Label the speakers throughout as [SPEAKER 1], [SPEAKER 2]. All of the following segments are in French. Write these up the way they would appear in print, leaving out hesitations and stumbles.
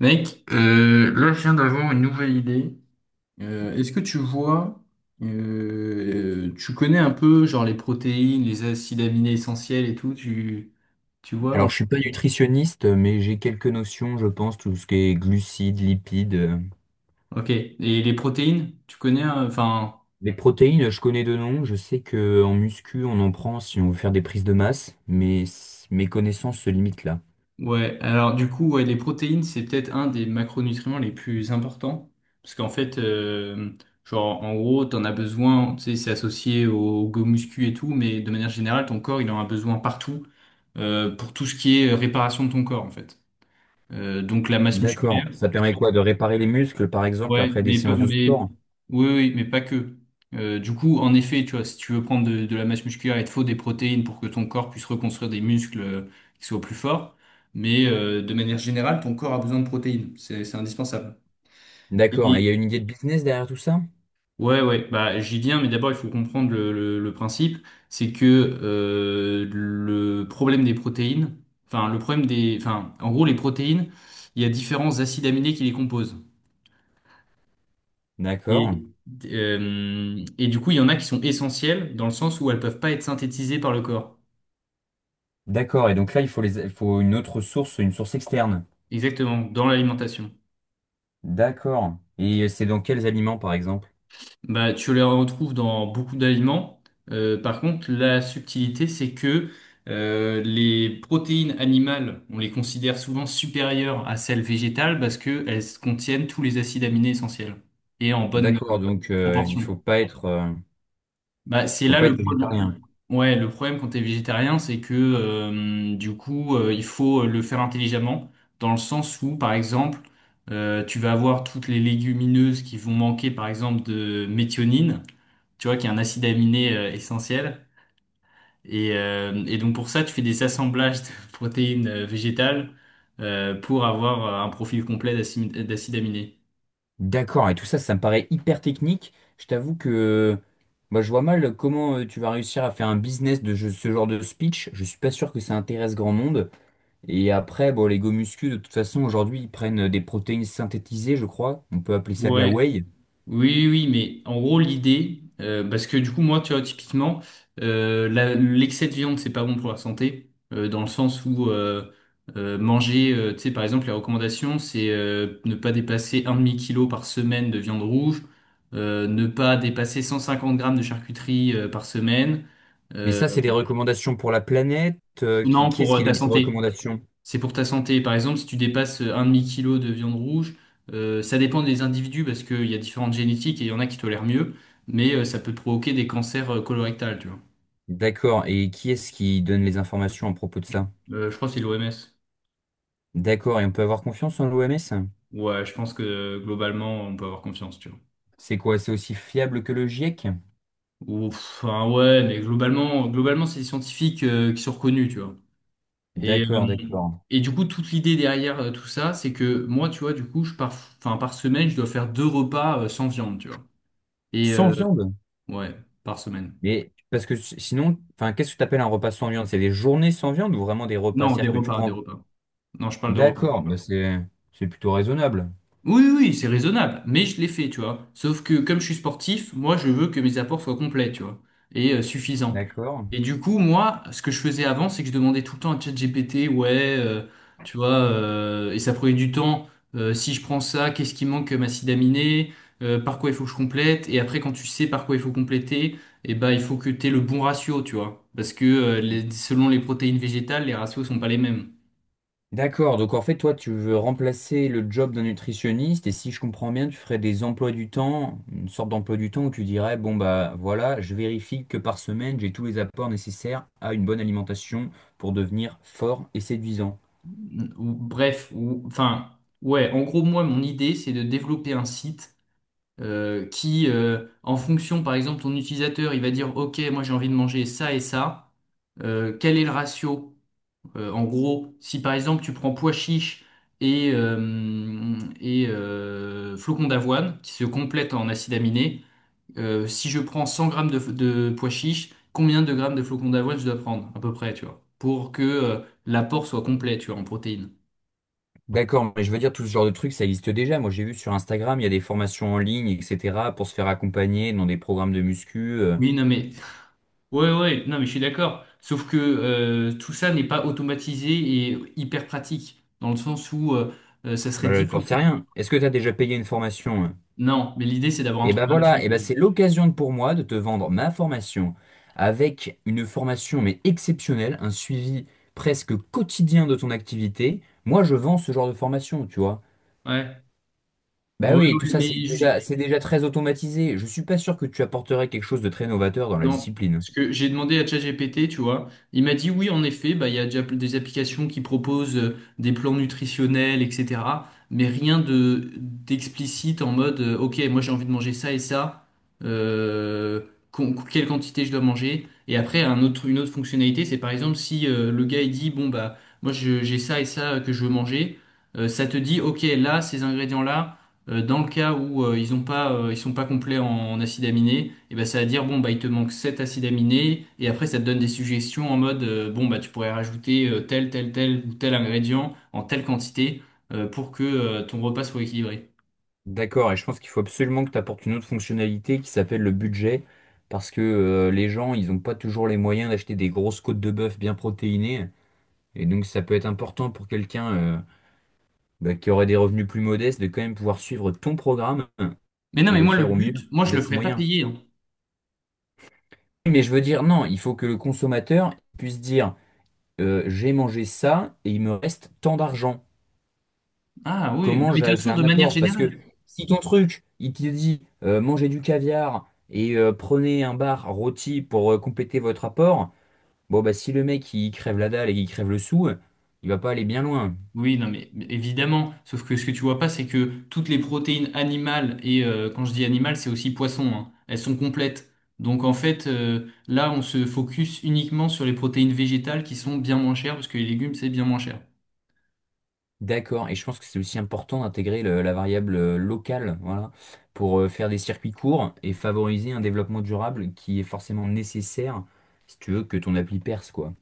[SPEAKER 1] Mec, là, je viens d'avoir une nouvelle idée. Est-ce que tu vois, tu connais un peu, genre, les protéines, les acides aminés essentiels et tout, tu vois
[SPEAKER 2] Alors,
[SPEAKER 1] ou...
[SPEAKER 2] je suis pas nutritionniste, mais j'ai quelques notions, je pense, tout ce qui est glucides, lipides.
[SPEAKER 1] Ok. Et les protéines, tu connais, enfin,
[SPEAKER 2] Les protéines, je connais de nom. Je sais que en muscu, on en prend si on veut faire des prises de masse, mais mes connaissances se limitent là.
[SPEAKER 1] ouais. Alors, du coup, ouais, les protéines, c'est peut-être un des macronutriments les plus importants. Parce qu'en fait, genre, en gros, t'en as besoin, tu sais, c'est associé au, go muscu et tout, mais de manière générale, ton corps, il en a besoin partout. Pour tout ce qui est réparation de ton corps, en fait. Donc la masse musculaire,
[SPEAKER 2] D'accord. Ça permet quoi? De réparer les muscles, par exemple,
[SPEAKER 1] ouais,
[SPEAKER 2] après des séances
[SPEAKER 1] mais
[SPEAKER 2] de sport?
[SPEAKER 1] oui, oui, mais pas que. Du coup, en effet, tu vois, si tu veux prendre de la masse musculaire, il te faut des protéines pour que ton corps puisse reconstruire des muscles qui soient plus forts. Mais de manière générale, ton corps a besoin de protéines. C'est indispensable.
[SPEAKER 2] D'accord. Et
[SPEAKER 1] Et,
[SPEAKER 2] il y a une idée de business derrière tout ça?
[SPEAKER 1] Ouais, ouais, bah, j'y viens, mais d'abord, il faut comprendre le principe. C'est que le problème des protéines, enfin, le problème des, enfin, en gros, les protéines, il y a différents acides aminés qui les composent.
[SPEAKER 2] D'accord.
[SPEAKER 1] Et, et du coup, il y en a qui sont essentiels dans le sens où elles peuvent pas être synthétisées par le corps.
[SPEAKER 2] D'accord. Et donc là, il faut les, il faut une autre source, une source externe.
[SPEAKER 1] Exactement, dans l'alimentation.
[SPEAKER 2] D'accord. Et c'est dans quels aliments, par exemple?
[SPEAKER 1] Bah, tu les retrouves dans beaucoup d'aliments. Par contre, la subtilité, c'est que les protéines animales, on les considère souvent supérieures à celles végétales parce qu'elles contiennent tous les acides aminés essentiels et en bonne
[SPEAKER 2] D'accord. Donc, euh, il
[SPEAKER 1] proportion.
[SPEAKER 2] faut pas être. euh,
[SPEAKER 1] Bah,
[SPEAKER 2] Il
[SPEAKER 1] c'est
[SPEAKER 2] faut
[SPEAKER 1] là
[SPEAKER 2] pas
[SPEAKER 1] le
[SPEAKER 2] être
[SPEAKER 1] problème.
[SPEAKER 2] végétarien.
[SPEAKER 1] Ouais, le problème quand t'es végétarien, c'est que du coup, il faut le faire intelligemment, dans le sens où, par exemple, tu vas avoir toutes les légumineuses qui vont manquer, par exemple, de méthionine tu vois, qui est un acide aminé essentiel. Et donc pour ça, tu fais des assemblages de protéines végétales pour avoir un profil complet d'acide aminé.
[SPEAKER 2] D'accord, et tout ça, ça me paraît hyper technique. Je t'avoue que moi, je vois mal comment tu vas réussir à faire un business de ce genre de speech. Je suis pas sûr que ça intéresse grand monde. Et après, bon, les gomuscu, de toute façon, aujourd'hui, ils prennent des protéines synthétisées, je crois. On peut appeler ça de la
[SPEAKER 1] Ouais,
[SPEAKER 2] whey.
[SPEAKER 1] oui, oui, mais en gros, l'idée, parce que du coup, moi, tu vois, typiquement, l'excès de viande, c'est pas bon pour la santé, dans le sens où manger, tu sais, par exemple, les recommandations, c'est ne pas dépasser un demi-kilo par semaine de viande rouge, ne pas dépasser 150 grammes de charcuterie par semaine.
[SPEAKER 2] Mais
[SPEAKER 1] Euh,
[SPEAKER 2] ça, c'est des recommandations pour la planète. Qui,
[SPEAKER 1] non,
[SPEAKER 2] qui est-ce
[SPEAKER 1] pour
[SPEAKER 2] qui
[SPEAKER 1] ta
[SPEAKER 2] donne ces
[SPEAKER 1] santé.
[SPEAKER 2] recommandations?
[SPEAKER 1] C'est pour ta santé. Par exemple, si tu dépasses un demi-kilo de viande rouge, ça dépend des individus parce qu'il y a différentes génétiques et il y en a qui tolèrent mieux, mais ça peut provoquer des cancers colorectals, tu vois.
[SPEAKER 2] D'accord, et qui est-ce qui donne les informations à propos de ça?
[SPEAKER 1] Je crois que c'est l'OMS.
[SPEAKER 2] D'accord, et on peut avoir confiance en l'OMS?
[SPEAKER 1] Ouais, je pense que globalement, on peut avoir confiance, tu vois.
[SPEAKER 2] C'est quoi? C'est aussi fiable que le GIEC?
[SPEAKER 1] Ou, enfin, ouais, mais globalement, globalement, c'est des scientifiques qui sont reconnus, tu vois. Et, euh,
[SPEAKER 2] D'accord, d'accord.
[SPEAKER 1] et du coup, toute l'idée derrière tout ça, c'est que moi, tu vois, du coup, enfin, par semaine, je dois faire deux repas sans viande, tu vois. Et
[SPEAKER 2] Sans
[SPEAKER 1] euh,
[SPEAKER 2] viande?
[SPEAKER 1] ouais, par semaine.
[SPEAKER 2] Mais parce que sinon, enfin, qu'est-ce que tu appelles un repas sans viande? C'est des journées sans viande ou vraiment des repas
[SPEAKER 1] Non,
[SPEAKER 2] cest à
[SPEAKER 1] des
[SPEAKER 2] dire que tu
[SPEAKER 1] repas, des
[SPEAKER 2] prends?
[SPEAKER 1] repas. Non, je parle de repas.
[SPEAKER 2] D'accord, bah c'est plutôt raisonnable.
[SPEAKER 1] Oui, oui, oui, c'est raisonnable, mais je l'ai fait, tu vois. Sauf que comme je suis sportif, moi, je veux que mes apports soient complets, tu vois, et suffisants.
[SPEAKER 2] D'accord.
[SPEAKER 1] Et du coup, moi, ce que je faisais avant, c'est que je demandais tout le temps à ChatGPT, ouais, tu vois, et ça prenait du temps. Si je prends ça, qu'est-ce qui manque comme acide aminé? Par quoi il faut que je complète? Et après, quand tu sais par quoi il faut compléter, eh ben, il faut que tu aies le bon ratio, tu vois. Parce que selon les protéines végétales, les ratios sont pas les mêmes.
[SPEAKER 2] D'accord, donc en fait, toi, tu veux remplacer le job d'un nutritionniste et si je comprends bien, tu ferais des emplois du temps, une sorte d'emploi du temps où tu dirais, bon, bah voilà, je vérifie que par semaine, j'ai tous les apports nécessaires à une bonne alimentation pour devenir fort et séduisant.
[SPEAKER 1] Ou bref, ou enfin, ouais, en gros, moi, mon idée, c'est de développer un site qui, en fonction, par exemple, ton utilisateur, il va dire, OK, moi, j'ai envie de manger ça et ça. Quel est le ratio? En gros, si par exemple, tu prends pois chiche et flocons d'avoine qui se complètent en acides aminés, si je prends 100 grammes de pois chiche, combien de grammes de flocons d'avoine je dois prendre, à peu près, tu vois, pour que l'apport soit complet, tu vois, en protéines?
[SPEAKER 2] D'accord, mais je veux dire, tout ce genre de trucs, ça existe déjà. Moi, j'ai vu sur Instagram, il y a des formations en ligne, etc., pour se faire accompagner dans des programmes de muscu.
[SPEAKER 1] Oui, non, mais ouais, ouais, non, mais je suis d'accord. Sauf que tout ça n'est pas automatisé et hyper pratique, dans le sens où ça serait
[SPEAKER 2] Bah,
[SPEAKER 1] dix fois
[SPEAKER 2] t'en sais
[SPEAKER 1] plus.
[SPEAKER 2] rien. Est-ce que t'as déjà payé une formation, hein?
[SPEAKER 1] Non, mais l'idée c'est d'avoir un
[SPEAKER 2] Et
[SPEAKER 1] truc
[SPEAKER 2] ben
[SPEAKER 1] gratuit,
[SPEAKER 2] voilà, et ben
[SPEAKER 1] déjà.
[SPEAKER 2] c'est l'occasion pour moi de te vendre ma formation avec une formation, mais exceptionnelle, un suivi presque quotidien de ton activité. Moi, je vends ce genre de formation, tu vois.
[SPEAKER 1] Ouais. Ouais,
[SPEAKER 2] Bah oui, tout
[SPEAKER 1] ouais,
[SPEAKER 2] ça,
[SPEAKER 1] mais
[SPEAKER 2] c'est
[SPEAKER 1] ju-
[SPEAKER 2] déjà, c'est déjà très automatisé. Je suis pas sûr que tu apporterais quelque chose de très novateur dans la
[SPEAKER 1] non,
[SPEAKER 2] discipline.
[SPEAKER 1] parce que j'ai demandé à ChatGPT, tu vois, il m'a dit oui, en effet, bah, il y a déjà des applications qui proposent des plans nutritionnels, etc. Mais rien de d'explicite en mode, ok, moi j'ai envie de manger ça et ça, euh, quelle quantité je dois manger. Et après, une autre fonctionnalité, c'est par exemple si le gars il dit, bon bah, j'ai ça et ça que je veux manger, ça te dit, ok, là, ces ingrédients-là. Dans le cas où ils sont pas complets en acides aminés, et ben ça va dire bon bah il te manque 7 acides aminés et après ça te donne des suggestions en mode bon bah tu pourrais rajouter tel tel tel ou tel ingrédient en telle quantité pour que ton repas soit équilibré.
[SPEAKER 2] D'accord, et je pense qu'il faut absolument que tu apportes une autre fonctionnalité qui s'appelle le budget, parce que les gens, ils n'ont pas toujours les moyens d'acheter des grosses côtes de bœuf bien protéinées, et donc ça peut être important pour quelqu'un bah, qui aurait des revenus plus modestes de quand même pouvoir suivre ton programme
[SPEAKER 1] Mais non
[SPEAKER 2] et
[SPEAKER 1] mais
[SPEAKER 2] le
[SPEAKER 1] moi le
[SPEAKER 2] faire au mieux
[SPEAKER 1] but, moi je le
[SPEAKER 2] avec ses
[SPEAKER 1] ferais pas
[SPEAKER 2] moyens.
[SPEAKER 1] payer, hein.
[SPEAKER 2] Mais je veux dire, non, il faut que le consommateur puisse dire, j'ai mangé ça et il me reste tant d'argent.
[SPEAKER 1] Ah oui, non,
[SPEAKER 2] Comment
[SPEAKER 1] mais de toute
[SPEAKER 2] j'avais fait
[SPEAKER 1] façon de
[SPEAKER 2] un
[SPEAKER 1] manière
[SPEAKER 2] apport. Parce que
[SPEAKER 1] générale.
[SPEAKER 2] si ton truc, il te dit mangez du caviar et prenez un bar rôti pour compléter votre apport, bon bah si le mec il crève la dalle et il crève le sou, il va pas aller bien loin.
[SPEAKER 1] Oui, non, mais évidemment. Sauf que ce que tu vois pas, c'est que toutes les protéines animales, et quand je dis animales, c'est aussi poisson, hein, elles sont complètes. Donc en fait, là, on se focus uniquement sur les protéines végétales qui sont bien moins chères, parce que les légumes, c'est bien moins cher.
[SPEAKER 2] D'accord, et je pense que c'est aussi important d'intégrer la variable locale, voilà, pour faire des circuits courts et favoriser un développement durable qui est forcément nécessaire si tu veux que ton appli perce, quoi.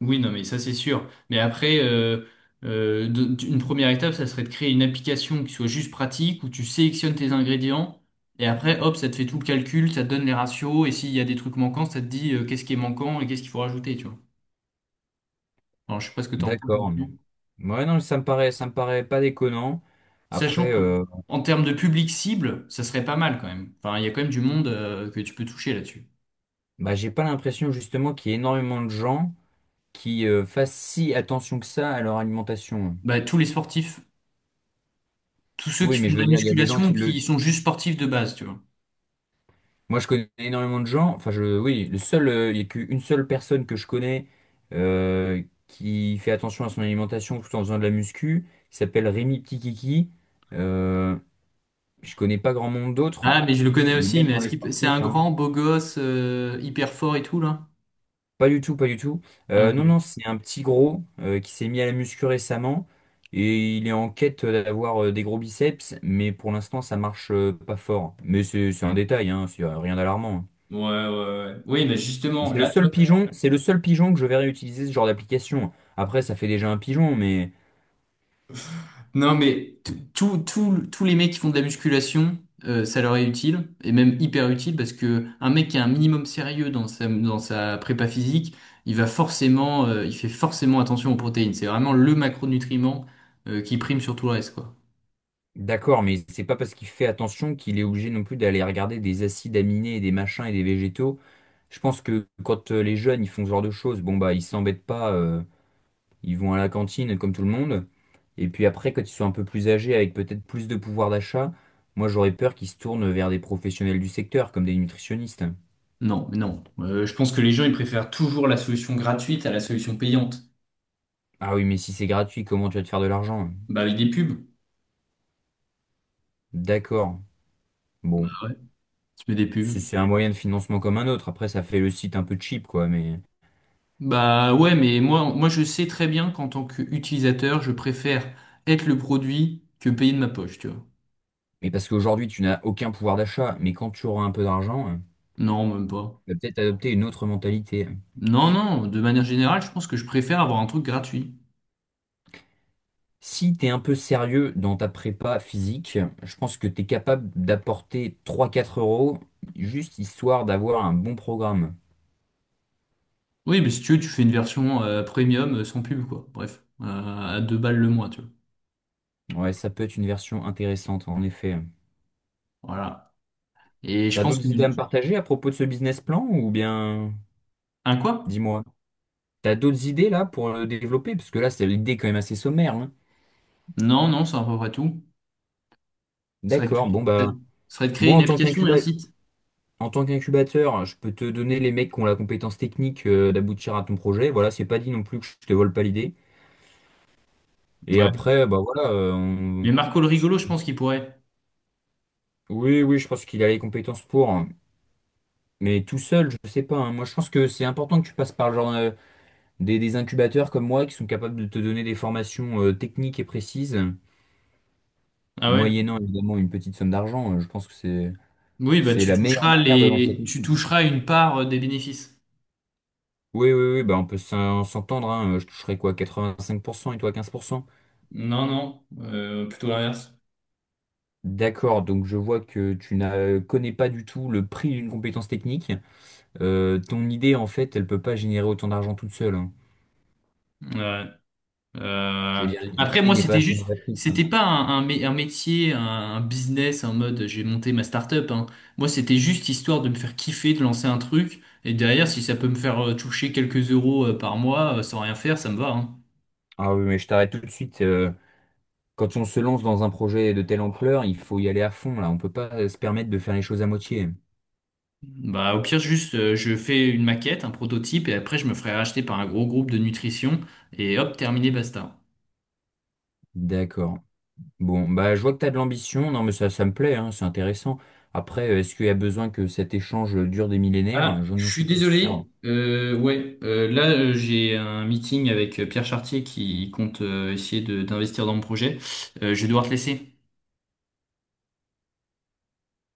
[SPEAKER 1] Oui, non, mais ça, c'est sûr. Mais après, une première étape, ça serait de créer une application qui soit juste pratique, où tu sélectionnes tes ingrédients, et après, hop, ça te fait tout le calcul, ça te donne les ratios, et s'il y a des trucs manquants, ça te dit qu'est-ce qui est manquant et qu'est-ce qu'il faut rajouter, tu vois. Alors, je sais pas ce que tu en penses
[SPEAKER 2] D'accord. Non.
[SPEAKER 1] là-dessus.
[SPEAKER 2] Ouais, non, ça me paraît pas déconnant.
[SPEAKER 1] Sachant
[SPEAKER 2] Après,
[SPEAKER 1] que, en termes de public cible, ça serait pas mal quand même. Enfin, il y a quand même du monde que tu peux toucher là-dessus.
[SPEAKER 2] Bah, j'ai pas l'impression justement qu'il y ait énormément de gens qui fassent si attention que ça à leur alimentation.
[SPEAKER 1] Bah, tous les sportifs, tous ceux qui
[SPEAKER 2] Oui, mais
[SPEAKER 1] font
[SPEAKER 2] je
[SPEAKER 1] de
[SPEAKER 2] veux
[SPEAKER 1] la
[SPEAKER 2] dire, il y a des gens
[SPEAKER 1] musculation ou
[SPEAKER 2] qui
[SPEAKER 1] qui
[SPEAKER 2] le...
[SPEAKER 1] sont juste sportifs de base, tu vois.
[SPEAKER 2] Moi, je connais énormément de gens. Enfin, je... oui, le seul, il y a qu'une seule personne que je connais euh, qui fait attention à son alimentation tout en faisant de la muscu. Il s'appelle Rémi Petit Kiki. Euh, je connais pas grand monde d'autres.
[SPEAKER 1] Ah, mais je le connais
[SPEAKER 2] Et
[SPEAKER 1] aussi,
[SPEAKER 2] même
[SPEAKER 1] mais
[SPEAKER 2] dans les
[SPEAKER 1] c'est un
[SPEAKER 2] sportifs, hein,
[SPEAKER 1] grand beau gosse hyper fort et tout là?
[SPEAKER 2] pas du tout, pas du tout.
[SPEAKER 1] Ah,
[SPEAKER 2] Euh,
[SPEAKER 1] ok.
[SPEAKER 2] non, non,
[SPEAKER 1] Ouais,
[SPEAKER 2] c'est un petit gros qui s'est mis à la muscu récemment et il est en quête d'avoir des gros biceps, mais pour l'instant ça marche pas fort. Mais c'est un détail, hein, c'est rien d'alarmant, hein.
[SPEAKER 1] ouais, ouais. Oui, mais
[SPEAKER 2] Et
[SPEAKER 1] justement,
[SPEAKER 2] c'est le
[SPEAKER 1] là, tu vois,
[SPEAKER 2] seul pigeon, c'est le seul pigeon que je verrai utiliser ce genre d'application. Après, ça fait déjà un pigeon, mais
[SPEAKER 1] non, mais tous les mecs qui font de la musculation, ça leur est utile, et même hyper utile, parce que un mec qui a un minimum sérieux dans sa prépa physique, il fait forcément attention aux protéines. C'est vraiment le macronutriment, qui prime sur tout le reste, quoi.
[SPEAKER 2] d'accord, mais c'est pas parce qu'il fait attention qu'il est obligé non plus d'aller regarder des acides aminés et des machins et des végétaux. Je pense que quand les jeunes ils font ce genre de choses, bon bah ils s'embêtent pas. Ils vont à la cantine comme tout le monde. Et puis après, quand ils sont un peu plus âgés, avec peut-être plus de pouvoir d'achat, moi j'aurais peur qu'ils se tournent vers des professionnels du secteur, comme des nutritionnistes.
[SPEAKER 1] Non, mais non. Je pense que les gens, ils préfèrent toujours la solution gratuite à la solution payante.
[SPEAKER 2] Ah oui, mais si c'est gratuit, comment tu vas te faire de l'argent?
[SPEAKER 1] Bah, avec des pubs.
[SPEAKER 2] D'accord. Bon,
[SPEAKER 1] Ah ouais. Tu mets des
[SPEAKER 2] c'est
[SPEAKER 1] pubs.
[SPEAKER 2] c'est un moyen de financement comme un autre. Après, ça fait le site un peu cheap, quoi.
[SPEAKER 1] Bah ouais, mais moi, moi je sais très bien qu'en tant qu'utilisateur, je préfère être le produit que payer de ma poche, tu vois.
[SPEAKER 2] Mais parce qu'aujourd'hui, tu n'as aucun pouvoir d'achat. Mais quand tu auras un peu d'argent,
[SPEAKER 1] Non, même pas.
[SPEAKER 2] tu vas peut-être adopter une autre mentalité.
[SPEAKER 1] Non, non, de manière générale, je pense que je préfère avoir un truc gratuit.
[SPEAKER 2] Si tu es un peu sérieux dans ta prépa physique, je pense que tu es capable d'apporter trois quatre euros juste histoire d'avoir un bon programme.
[SPEAKER 1] Oui, mais si tu veux, tu fais une version premium sans pub, quoi. Bref, à 2 balles le mois, tu vois.
[SPEAKER 2] Ouais, ça peut être une version intéressante en effet.
[SPEAKER 1] Voilà. Et je
[SPEAKER 2] T'as
[SPEAKER 1] pense que...
[SPEAKER 2] d'autres idées à me partager à propos de ce business plan ou bien
[SPEAKER 1] Un quoi?
[SPEAKER 2] dis-moi. T'as d'autres idées là pour le développer? Parce que là, c'est l'idée quand même assez sommaire, hein.
[SPEAKER 1] Non, non, c'est à peu près tout.
[SPEAKER 2] D'accord, bon
[SPEAKER 1] Ça
[SPEAKER 2] bah
[SPEAKER 1] serait de créer
[SPEAKER 2] moi
[SPEAKER 1] une
[SPEAKER 2] en tant
[SPEAKER 1] application et un site.
[SPEAKER 2] en tant qu'incubateur, je peux te donner les mecs qui ont la compétence technique d'aboutir à ton projet. Voilà, c'est pas dit non plus que je te vole pas l'idée. Et
[SPEAKER 1] Ouais.
[SPEAKER 2] après, bah voilà,
[SPEAKER 1] Mais Marco le rigolo, je pense qu'il pourrait.
[SPEAKER 2] oui, oui, je pense qu'il a les compétences pour, hein. Mais tout seul, je sais pas, hein. Moi, je pense que c'est important que tu passes par le genre des incubateurs comme moi qui sont capables de te donner des formations techniques et précises,
[SPEAKER 1] Ah ouais?
[SPEAKER 2] moyennant évidemment une petite somme d'argent. Je pense que c'est
[SPEAKER 1] Oui, bah
[SPEAKER 2] c'est la meilleure manière de lancer ton
[SPEAKER 1] tu
[SPEAKER 2] site.
[SPEAKER 1] toucheras une part des bénéfices.
[SPEAKER 2] Oui, oui, oui, bah on peut s'entendre, hein. Je toucherai quoi, 85% et toi 15%.
[SPEAKER 1] Non, non, plutôt l'inverse.
[SPEAKER 2] D'accord, donc je vois que connais pas du tout le prix d'une compétence technique. Ton idée, en fait, elle peut pas générer autant d'argent toute seule, hein.
[SPEAKER 1] Ouais.
[SPEAKER 2] Je veux
[SPEAKER 1] Euh,
[SPEAKER 2] dire,
[SPEAKER 1] Après,
[SPEAKER 2] l'idée
[SPEAKER 1] moi,
[SPEAKER 2] n'est pas
[SPEAKER 1] c'était
[SPEAKER 2] assez
[SPEAKER 1] juste,
[SPEAKER 2] novatrice, hein.
[SPEAKER 1] c'était pas un métier, un business en mode j'ai monté ma start-up, hein. Moi, c'était juste histoire de me faire kiffer, de lancer un truc. Et derrière, si ça peut me faire toucher quelques euros par mois sans rien faire, ça me va, hein.
[SPEAKER 2] Ah oui, mais je t'arrête tout de suite. Quand on se lance dans un projet de telle ampleur, il faut y aller à fond, là. On peut pas se permettre de faire les choses à moitié.
[SPEAKER 1] Bah, au pire, juste, je fais une maquette, un prototype, et après, je me ferai racheter par un gros groupe de nutrition. Et hop, terminé, basta.
[SPEAKER 2] D'accord. Bon, bah, je vois que tu as de l'ambition. Non, mais ça me plaît, hein, c'est intéressant. Après, est-ce qu'il y a besoin que cet échange dure des
[SPEAKER 1] Ah,
[SPEAKER 2] millénaires? Je
[SPEAKER 1] je
[SPEAKER 2] n'en
[SPEAKER 1] suis
[SPEAKER 2] suis pas sûr.
[SPEAKER 1] désolé. Ouais, là j'ai un meeting avec Pierre Chartier qui compte essayer d'investir dans mon projet. Je vais devoir te laisser.